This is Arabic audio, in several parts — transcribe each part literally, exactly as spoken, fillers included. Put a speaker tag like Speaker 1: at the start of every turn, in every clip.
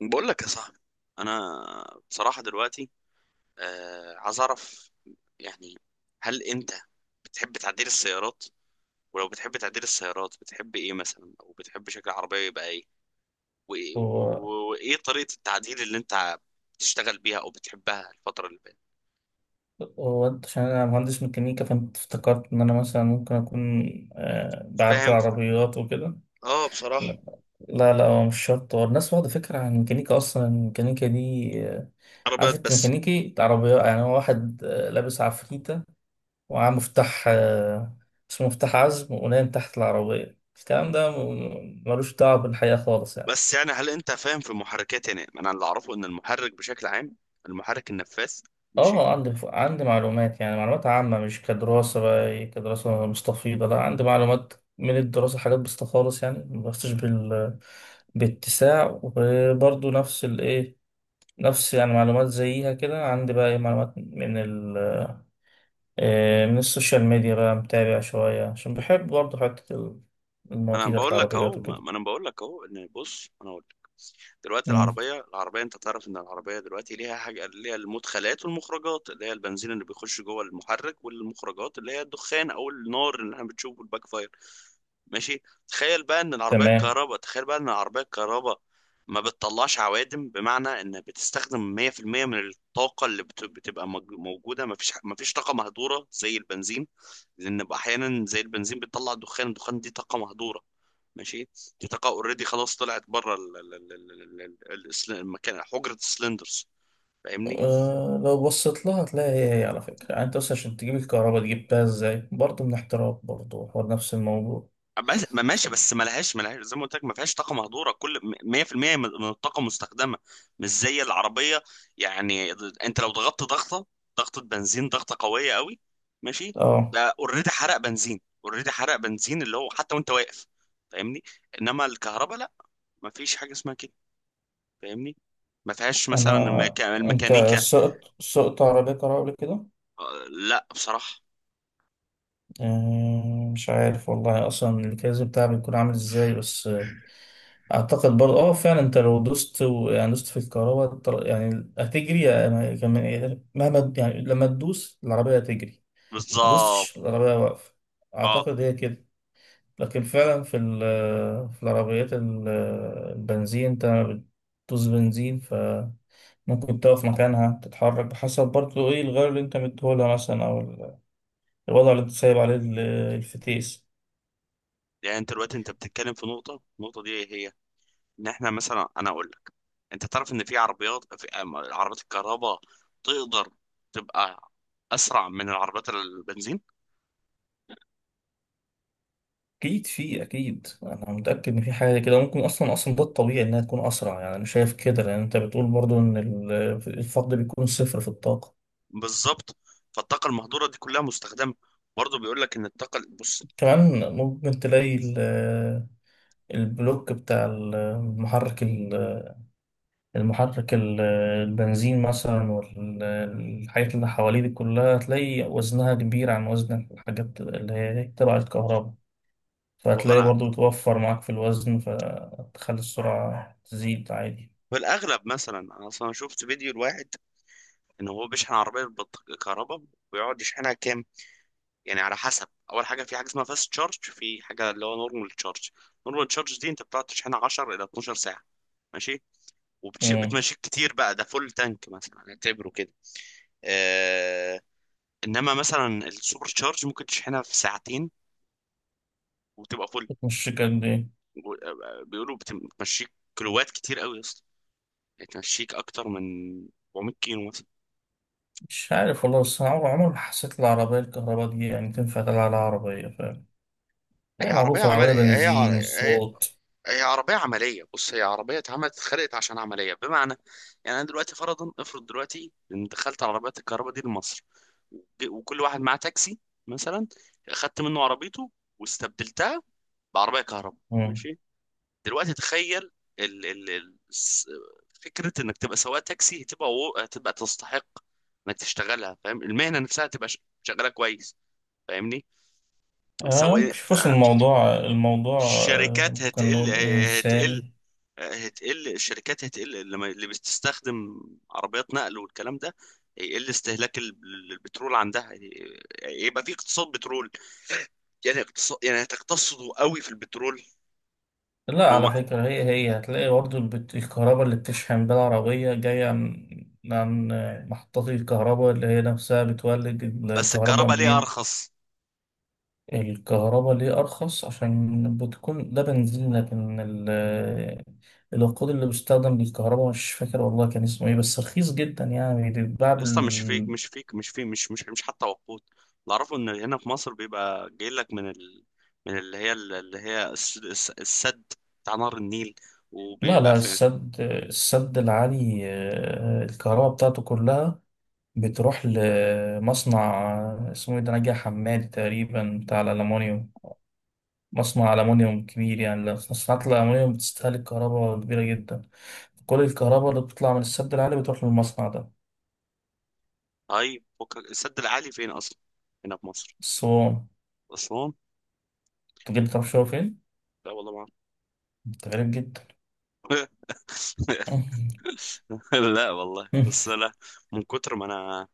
Speaker 1: بقول لك يا صاحبي، انا بصراحه دلوقتي آه عايز اعرف، يعني هل انت بتحب تعديل السيارات؟ ولو بتحب تعديل السيارات بتحب ايه مثلا، او بتحب شكل العربيه يبقى ايه؟ وايه و-
Speaker 2: هو
Speaker 1: و- وايه طريقه التعديل اللي انت بتشتغل بيها او بتحبها الفتره اللي فاتت؟
Speaker 2: هو أنت- عشان أنا مهندس ميكانيكا فأنت افتكرت إن أنا مثلا ممكن أكون آه، بعدل
Speaker 1: فاهم.
Speaker 2: عربيات وكده.
Speaker 1: اه بصراحه
Speaker 2: لا لا لا، هو مش شرط، هو الناس واخدة فكرة عن الميكانيكا. أصلا الميكانيكا دي آه، عارف،
Speaker 1: عربيات
Speaker 2: أنت
Speaker 1: بس.
Speaker 2: ميكانيكي عربيات، يعني هو واحد آه، لابس عفريتة ومعاه مفتاح، آه، اسمه مفتاح عزم، ونايم تحت العربية. الكلام ده م- ملوش دعوة بالحقيقة خالص يعني.
Speaker 1: بس يعني هل انت فاهم في المحركات؟ يعني انا اللي اعرفه ان المحرك بشكل عام، المحرك النفاث. ماشي.
Speaker 2: اه عندي عندي معلومات، يعني معلومات عامة مش كدراسة، بقى إيه، كدراسة مستفيضة. لا، عندي معلومات من الدراسة، حاجات بسيطة خالص يعني، مبحثش بال باتساع. وبرضه نفس الايه نفس، يعني معلومات زيها كده عندي. بقى ايه معلومات من ال آه، من السوشيال ميديا، بقى متابع شوية عشان بحب برضه حتة ال-
Speaker 1: انا
Speaker 2: المواضيع بتاعت
Speaker 1: بقول لك اهو،
Speaker 2: العربيات
Speaker 1: ما
Speaker 2: وكده.
Speaker 1: ما انا بقول لك اهو ان بص انا اقول لك. دلوقتي
Speaker 2: مم،
Speaker 1: العربيه العربيه انت تعرف ان العربيه دلوقتي ليها حاجه، ليها المدخلات والمخرجات اللي هي البنزين اللي بيخش جوه المحرك، والمخرجات اللي هي الدخان او النار اللي احنا بنشوفه الباك فاير. ماشي. تخيل بقى ان العربيه
Speaker 2: تمام.
Speaker 1: الكهرباء تخيل بقى ان العربيه الكهرباء ما بتطلعش عوادم، بمعنى ان بتستخدم مية في المية من الطاقه اللي بت- بتبقى مج- موجوده. ما فيش ما فيش طاقه مهدوره زي البنزين، لان احيانا زي البنزين بتطلع دخان، الدخان دي طاقه مهدوره. ماشي. دي طاقة اوريدي خلاص طلعت بره ال- ال- ال- ال- ال- ال- السل- المكان، حجرة السلندرز. فاهمني؟
Speaker 2: أه لو بصيت لها هتلاقي هي هي على فكرة، يعني. انت بس عشان تجيب الكهرباء جبتها ازاي؟ برضه من احتراق، برضه هو نفس الموضوع.
Speaker 1: بس ما ماشي، بس ما لهاش، ما لهاش زي ما قلت لك ما فيهاش طاقة مهدورة، كل مية في المية من من الطاقة مستخدمة، مش زي العربية. يعني انت لو ضغطت ضغطة، ضغطة بنزين، ضغطة قوية قوي، ماشي،
Speaker 2: اه
Speaker 1: ده اوريدي حرق بنزين، اوريدي حرق بنزين اللي هو حتى وانت واقف. فاهمني؟ انما الكهرباء لا، ما فيش حاجة اسمها كده. فاهمني؟ ما فيهاش مثلا
Speaker 2: انا
Speaker 1: الميكا-
Speaker 2: انت
Speaker 1: الميكانيكا.
Speaker 2: سقط سقط عربية كهرباء قبل كده؟
Speaker 1: آه، لا بصراحة.
Speaker 2: أه، مش عارف والله، اصلا الكاز بتاعها بيكون عامل ازاي؟ بس آه، اعتقد برضه، اه فعلا انت لو دوست و... يعني دوست في الكهرباء طل- يعني هتجري، يعني كمان مهما يعني، لما تدوس العربية هتجري. ما
Speaker 1: بالظبط.
Speaker 2: دوستش العربية واقفة،
Speaker 1: اه
Speaker 2: اعتقد هي كده. لكن فعلا في ال- في العربيات ال- البنزين، انت بتدوس بنزين فممكن تقف مكانها، تتحرك بحسب برضه ايه الغير اللي انت مديهولها مثلا، او ال- الوضع اللي انت سايب عليه ال- الفتيس.
Speaker 1: يعني انت دلوقتي انت بتتكلم في نقطه، النقطه دي ايه هي؟ ان احنا مثلا، انا اقول لك، انت تعرف ان في عربيات، في أم- عربيات الكهرباء تقدر تبقى اسرع من العربيات البنزين.
Speaker 2: اكيد في، اكيد انا متاكد ان في حاجه كده، ممكن اصلا اصلا ده الطبيعي انها تكون اسرع. يعني انا شايف كده، لان انت بتقول برضه ان ال- الفقد بيكون صفر في الطاقه.
Speaker 1: بالظبط. فالطاقه المهدوره دي كلها مستخدمه، برضه بيقول لك ان الطاقه بص.
Speaker 2: كمان ممكن تلاقي ال- البلوك بتاع المحرك، المحرك ال- البنزين مثلا، والحاجات اللي حواليه دي كلها هتلاقي وزنها كبير عن وزن الحاجات اللي هي تبع الكهرباء،
Speaker 1: هو
Speaker 2: فهتلاقي
Speaker 1: انا
Speaker 2: برضو بتوفر معاك في الوزن، فتخلي السرعة تزيد عادي.
Speaker 1: في الاغلب مثلا، انا اصلا شفت فيديو لواحد ان هو بيشحن عربيه بالكهرباء ويقعد يشحنها كامل. يعني على حسب، اول حاجه في حاجه اسمها فاست تشارج، في حاجه اللي هو نورمال تشارج نورمال تشارج دي انت بتقعد تشحنها عشرة الى اتناشر ساعه، ماشي،
Speaker 2: امم.
Speaker 1: وبتمشيك كتير بقى، ده فول تانك مثلا اعتبره كده. آه. انما مثلا السوبر تشارج ممكن تشحنها في ساعتين وتبقى فل.
Speaker 2: مش قد ايه؟
Speaker 1: بيقولوا بتم- بتمشيك كيلوات كتير قوي يا اسطى، يعني تمشيك اكتر من اربعمية كيلو مثلا.
Speaker 2: مش عارف والله، بس أنا عمر عمر ما حسيت العربية الكهرباء دي يعني تنفع تلعب على عربية، فاهم؟
Speaker 1: هي
Speaker 2: هي
Speaker 1: عربيه
Speaker 2: معروفة
Speaker 1: عمل
Speaker 2: العربية
Speaker 1: هي ع-
Speaker 2: بنزين
Speaker 1: هي
Speaker 2: الصوت.
Speaker 1: هي عربية عملية، بص هي عربية اتعملت، اتخلقت عشان عملية. بمعنى يعني أنا دلوقتي فرضا، افرض دلوقتي إن دخلت على عربيات الكهرباء دي لمصر، وج- وكل واحد معاه تاكسي مثلا، أخدت منه عربيته واستبدلتها بعربية كهرباء،
Speaker 2: امم.
Speaker 1: ماشي. دلوقتي تخيل ال ال ال الس- فكرة إنك تبقى سواق تاكسي، هتبقى و- هتبقى تستحق إنك تشتغلها. فاهم؟ المهنة نفسها هتبقى ش- شغالة كويس. فاهمني؟
Speaker 2: آه
Speaker 1: سواء،
Speaker 2: ممكن شوف، بس الموضوع الموضوع آه،
Speaker 1: الشركات
Speaker 2: ممكن
Speaker 1: هتقل،
Speaker 2: نقول
Speaker 1: هتقل
Speaker 2: إنساني.
Speaker 1: هتقل الشركات هتقل، لما اللي بتستخدم عربيات نقل والكلام ده هيقل استهلاك ال- البترول عندها، يعني يبقى في اقتصاد بترول، يعني اقتصاد، يعني هتقتصدوا قوي في البترول.
Speaker 2: لا،
Speaker 1: وما،
Speaker 2: على فكرة، هي هي هتلاقي برضه البت- الكهرباء اللي بتشحن بيها العربية جاية عن، عن محطات الكهرباء اللي هي نفسها بتولد.
Speaker 1: بس
Speaker 2: الكهرباء
Speaker 1: الكهرباء ليه
Speaker 2: منين؟
Speaker 1: ارخص؟
Speaker 2: الكهرباء ليه أرخص؟ عشان بتكون ده بنزين، لكن ال- الوقود اللي بيستخدم للكهرباء مش فاكر والله كان اسمه ايه، بس رخيص جدا يعني بيتباع
Speaker 1: يا اسطى مش فيك
Speaker 2: بال
Speaker 1: مش فيك مش في مش مش مش حتى وقود، اللي اعرفه ان هنا في مصر بيبقى جاي لك من ال... من اللي هي، اللي هي الس- الس- السد بتاع نهر النيل،
Speaker 2: لا
Speaker 1: وبيبقى
Speaker 2: لا،
Speaker 1: فين؟
Speaker 2: السد، السد العالي، آه، الكهرباء بتاعته كلها بتروح لمصنع اسمه ايه ده، نجع حماد تقريبا، بتاع الألمونيوم. مصنع ألمونيوم كبير، يعني لو مصنعات الألمونيوم بتستهلك كهرباء كبيرة جدا. كل الكهرباء اللي بتطلع من السد العالي بتروح للمصنع ده.
Speaker 1: طيب فكك- السد العالي فين اصلا؟ هنا في مصر؟
Speaker 2: الصوان.
Speaker 1: اسوان.
Speaker 2: تجيب تعرف شو فين؟
Speaker 1: لا والله ما
Speaker 2: انت غريب جدا.
Speaker 1: أعرف. لا والله بس لا، من كتر ما انا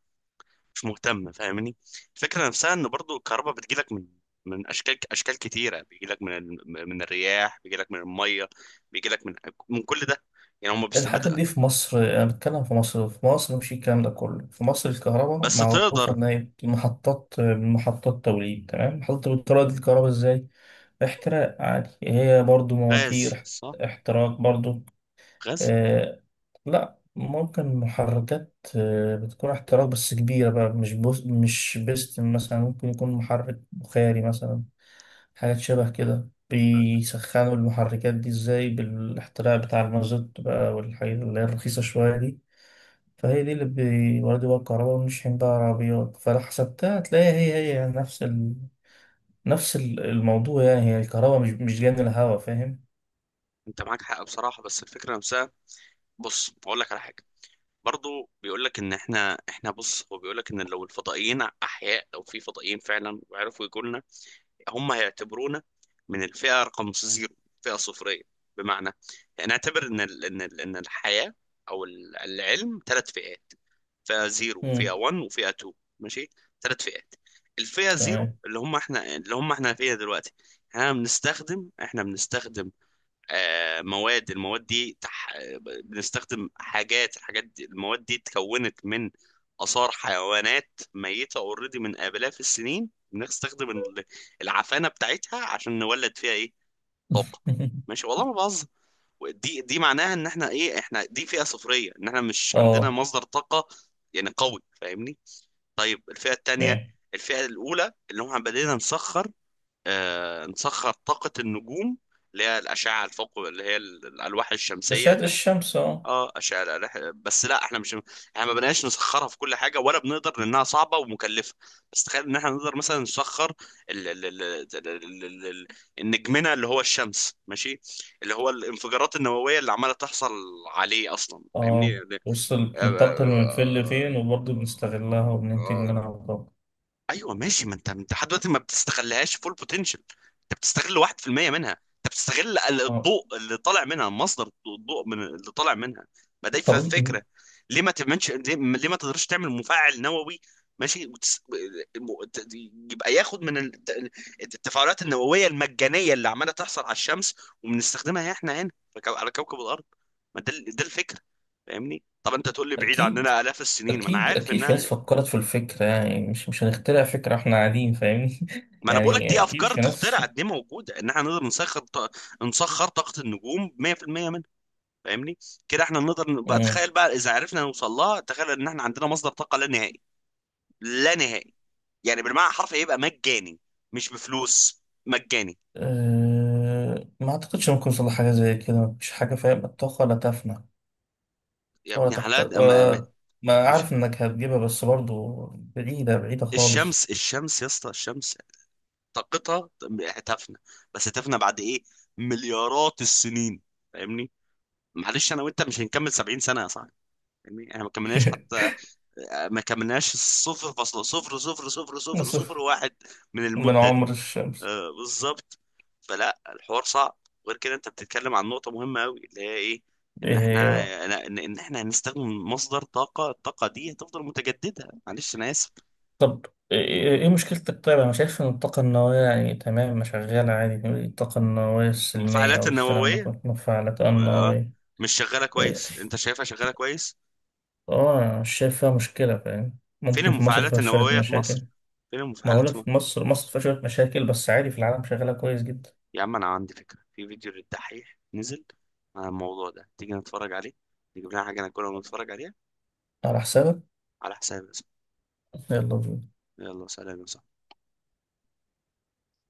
Speaker 1: مش مهتم. فاهمني؟ الفكره نفسها ان برضو الكهرباء بتجيلك من، من اشكال، اشكال كتيره، بيجيلك من ال- من الرياح، بيجيلك من الميه، بيجيلك من، من كل ده. يعني هم بس
Speaker 2: الحاجات
Speaker 1: بدأ.
Speaker 2: دي في مصر، أنا بتكلم في مصر، في مصر مش الكلام ده كله، في مصر الكهرباء
Speaker 1: بس
Speaker 2: معروفة
Speaker 1: تقدر.
Speaker 2: إن هي محطات، محطات توليد، تمام. محطة بتولد الكهرباء إزاي؟ احتراق عادي، هي برضو
Speaker 1: غاز
Speaker 2: مواتير
Speaker 1: صح.
Speaker 2: احتراق برضو.
Speaker 1: غاز.
Speaker 2: آه، لا ممكن محركات، آه بتكون احتراق بس كبيرة بقى، مش بوس مش بستن مثلا، ممكن يكون محرك بخاري مثلا، حاجات شبه كده. بيسخنوا المحركات دي ازاي؟ بالاحتراق بتاع المازوت بقى والحاجات اللي هي الرخيصة شوية دي. فهي دي اللي بيوردوا بقى الكهرباء، ونشحن بقى عربيات. فلو حسبتها هتلاقيها هي هي نفس نفس ال- الموضوع، يعني. هي الكهرباء مش مش جايه من الهواء، فاهم؟
Speaker 1: انت معاك حق بصراحه، بس الفكره نفسها، بص بقول لك على حاجه، برضو بيقول لك ان احنا، احنا بص، هو بيقول لك ان لو الفضائيين احياء، لو في فضائيين فعلا وعرفوا يجوا لنا، هم هيعتبرونا من الفئة رقم زيرو، فئة صفرية. بمعنى، نعتبر إن ال- إن ال- إن الحياة أو ال- العلم ثلاث فئات: فئة زيرو، فئة
Speaker 2: امم.
Speaker 1: واحد، وفئة اتنين، ماشي، ثلاث فئات. الفئة زيرو
Speaker 2: تمام.
Speaker 1: اللي هم احنا، اللي هم احنا فيها دلوقتي، احنا بنستخدم، احنا بنستخدم آه، مواد، المواد دي تح... بنستخدم حاجات، الحاجات دي، المواد دي اتكونت من آثار حيوانات ميتة اوريدي من آلاف السنين، بنستخدم ال- العفانة بتاعتها عشان نولد فيها ايه؟ طاقة. ماشي والله ما بهزر. دي دي معناها ان احنا ايه، احنا دي فئة صفرية، ان احنا مش عندنا
Speaker 2: اه،
Speaker 1: مصدر طاقة يعني قوي. فاهمني؟ طيب الفئة التانية،
Speaker 2: فاهم،
Speaker 1: الفئة الأولى اللي هم بدينا نسخر، آه، نسخر طاقة النجوم اللي هي الأشعة الفوق، اللي هي ال- الألواح الشمسية
Speaker 2: أشعة
Speaker 1: اللي،
Speaker 2: الشمس، اه.
Speaker 1: اه أشعة الألواح. بس لا احنا مش، احنا ما بنقاش نسخرها في كل حاجة ولا بنقدر لأنها صعبة ومكلفة. بس تخيل إن احنا نقدر مثلا نسخر ال... ال... ال... ال... ال... ال... ال- النجمنا اللي هو الشمس، ماشي، اللي هو الانفجارات النووية اللي عمالة تحصل عليه أصلا. فاهمني؟
Speaker 2: اه،
Speaker 1: يعني،
Speaker 2: بص، ال-
Speaker 1: آه، آه،
Speaker 2: بتنتقل من فين لفين، وبرضه بنستغلها
Speaker 1: آه،
Speaker 2: وبننتج
Speaker 1: آه،
Speaker 2: منها طاقة.
Speaker 1: ايوه ماشي، ما انت، انت لحد دلوقتي ما بتستغلهاش فول بوتنشال، انت بتستغل واحد في المية منها، انت بتستغل ال-
Speaker 2: اه.
Speaker 1: الضوء اللي طالع منها، مصدر الضوء من اللي طالع منها. ما ده ف-
Speaker 2: طب إن-
Speaker 1: فكره، ليه ما تعملش، ليه ليه ما تقدرش تعمل مفاعل نووي، ماشي، وتس... م- ت- يبقى ياخد من الت- التفاعلات النوويه المجانيه اللي عماله تحصل على الشمس، وبنستخدمها احنا هنا في كو- على كوكب الارض. ما ده ال- ده الفكره. فاهمني؟ طب انت تقول لي بعيد
Speaker 2: أكيد،
Speaker 1: عننا الاف السنين، ما انا
Speaker 2: أكيد
Speaker 1: عارف
Speaker 2: أكيد في ناس
Speaker 1: انها،
Speaker 2: فكرت في الفكرة، يعني. مش مش هنخترع فكرة إحنا قاعدين، فاهمني.
Speaker 1: ما انا بقول لك
Speaker 2: يعني
Speaker 1: دي
Speaker 2: أكيد
Speaker 1: افكار
Speaker 2: في ناس.
Speaker 1: تخترع، دي موجوده ان احنا نقدر نسخر ط... نسخر طاقه النجوم مية في المية منها. فاهمني؟ كده احنا نقدر نبقى،
Speaker 2: مم.
Speaker 1: تخيل بقى اذا عرفنا نوصل لها، تخيل ان احنا عندنا مصدر طاقه لا نهائي، لا نهائي، يعني بالمعنى الحرفي، يبقى مجاني، مش بفلوس مجاني.
Speaker 2: أه، ما أعتقدش ممكن يوصل لحاجة زي كده، مفيش حاجة فاهم. الطاقة لا تفنى
Speaker 1: يا
Speaker 2: ولا
Speaker 1: ابني
Speaker 2: تحت
Speaker 1: حلال أما... ما-
Speaker 2: ولا، ما
Speaker 1: مش
Speaker 2: أعرف إنك هتجيبها، بس برضو بعيدة بعيدة خالص.
Speaker 1: الشمس، الشمس يا اسطى الشمس طاقتها هتفنى، بس هتفنى بعد ايه؟ مليارات السنين. فاهمني؟ معلش انا وانت مش هنكمل سبعين سنه يا صاحبي. فاهمني؟ احنا ما كملناش حتى، ما كملناش صفر فاصلة صفر صفر صفر صفر صفر
Speaker 2: نصف
Speaker 1: واحد من
Speaker 2: من
Speaker 1: المدة دي.
Speaker 2: عمر الشمس.
Speaker 1: آه بالظبط. فلا الحوار صعب. غير كده انت بتتكلم عن نقطة مهمة قوي اللي هي ايه؟ ان
Speaker 2: إيه
Speaker 1: احنا،
Speaker 2: هي بقى؟
Speaker 1: ان ان احنا هنستخدم مصدر طاقة، الطاقة دي هتفضل متجددة. معلش انا اسف.
Speaker 2: طب، إيه إيه إيه مشكلتك؟ طيب، أنا شايف إن الطاقة النووية يعني تمام، ما شغالة عادي، الطاقة النووية السلمية
Speaker 1: المفاعلات
Speaker 2: أو الكلام ده
Speaker 1: النووية،
Speaker 2: كله مفاعلات
Speaker 1: آه،
Speaker 2: النووية.
Speaker 1: مش شغالة
Speaker 2: إيه،
Speaker 1: كويس، انت شايفها شغالة كويس؟
Speaker 2: اه، أنا مش شايف فيها مشكلة فاهم،
Speaker 1: فين
Speaker 2: ممكن في مصر
Speaker 1: المفاعلات
Speaker 2: فيها شوية
Speaker 1: النووية في
Speaker 2: مشاكل.
Speaker 1: مصر؟ فين
Speaker 2: ما
Speaker 1: المفاعلات؟
Speaker 2: هقولك، في مصر، مصر فيها شوية مشاكل، بس عادي في العالم شغالة كويس جدا.
Speaker 1: يا عم انا عندي فكره، في فيديو للدحيح نزل عن الموضوع ده، تيجي نتفرج عليه، نجيب لنا حاجه ناكلها ونتفرج عليها.
Speaker 2: على حسابك.
Speaker 1: على حسابي يا صاحبي.
Speaker 2: يلا بينا.
Speaker 1: يلا سلام يا صاحبي.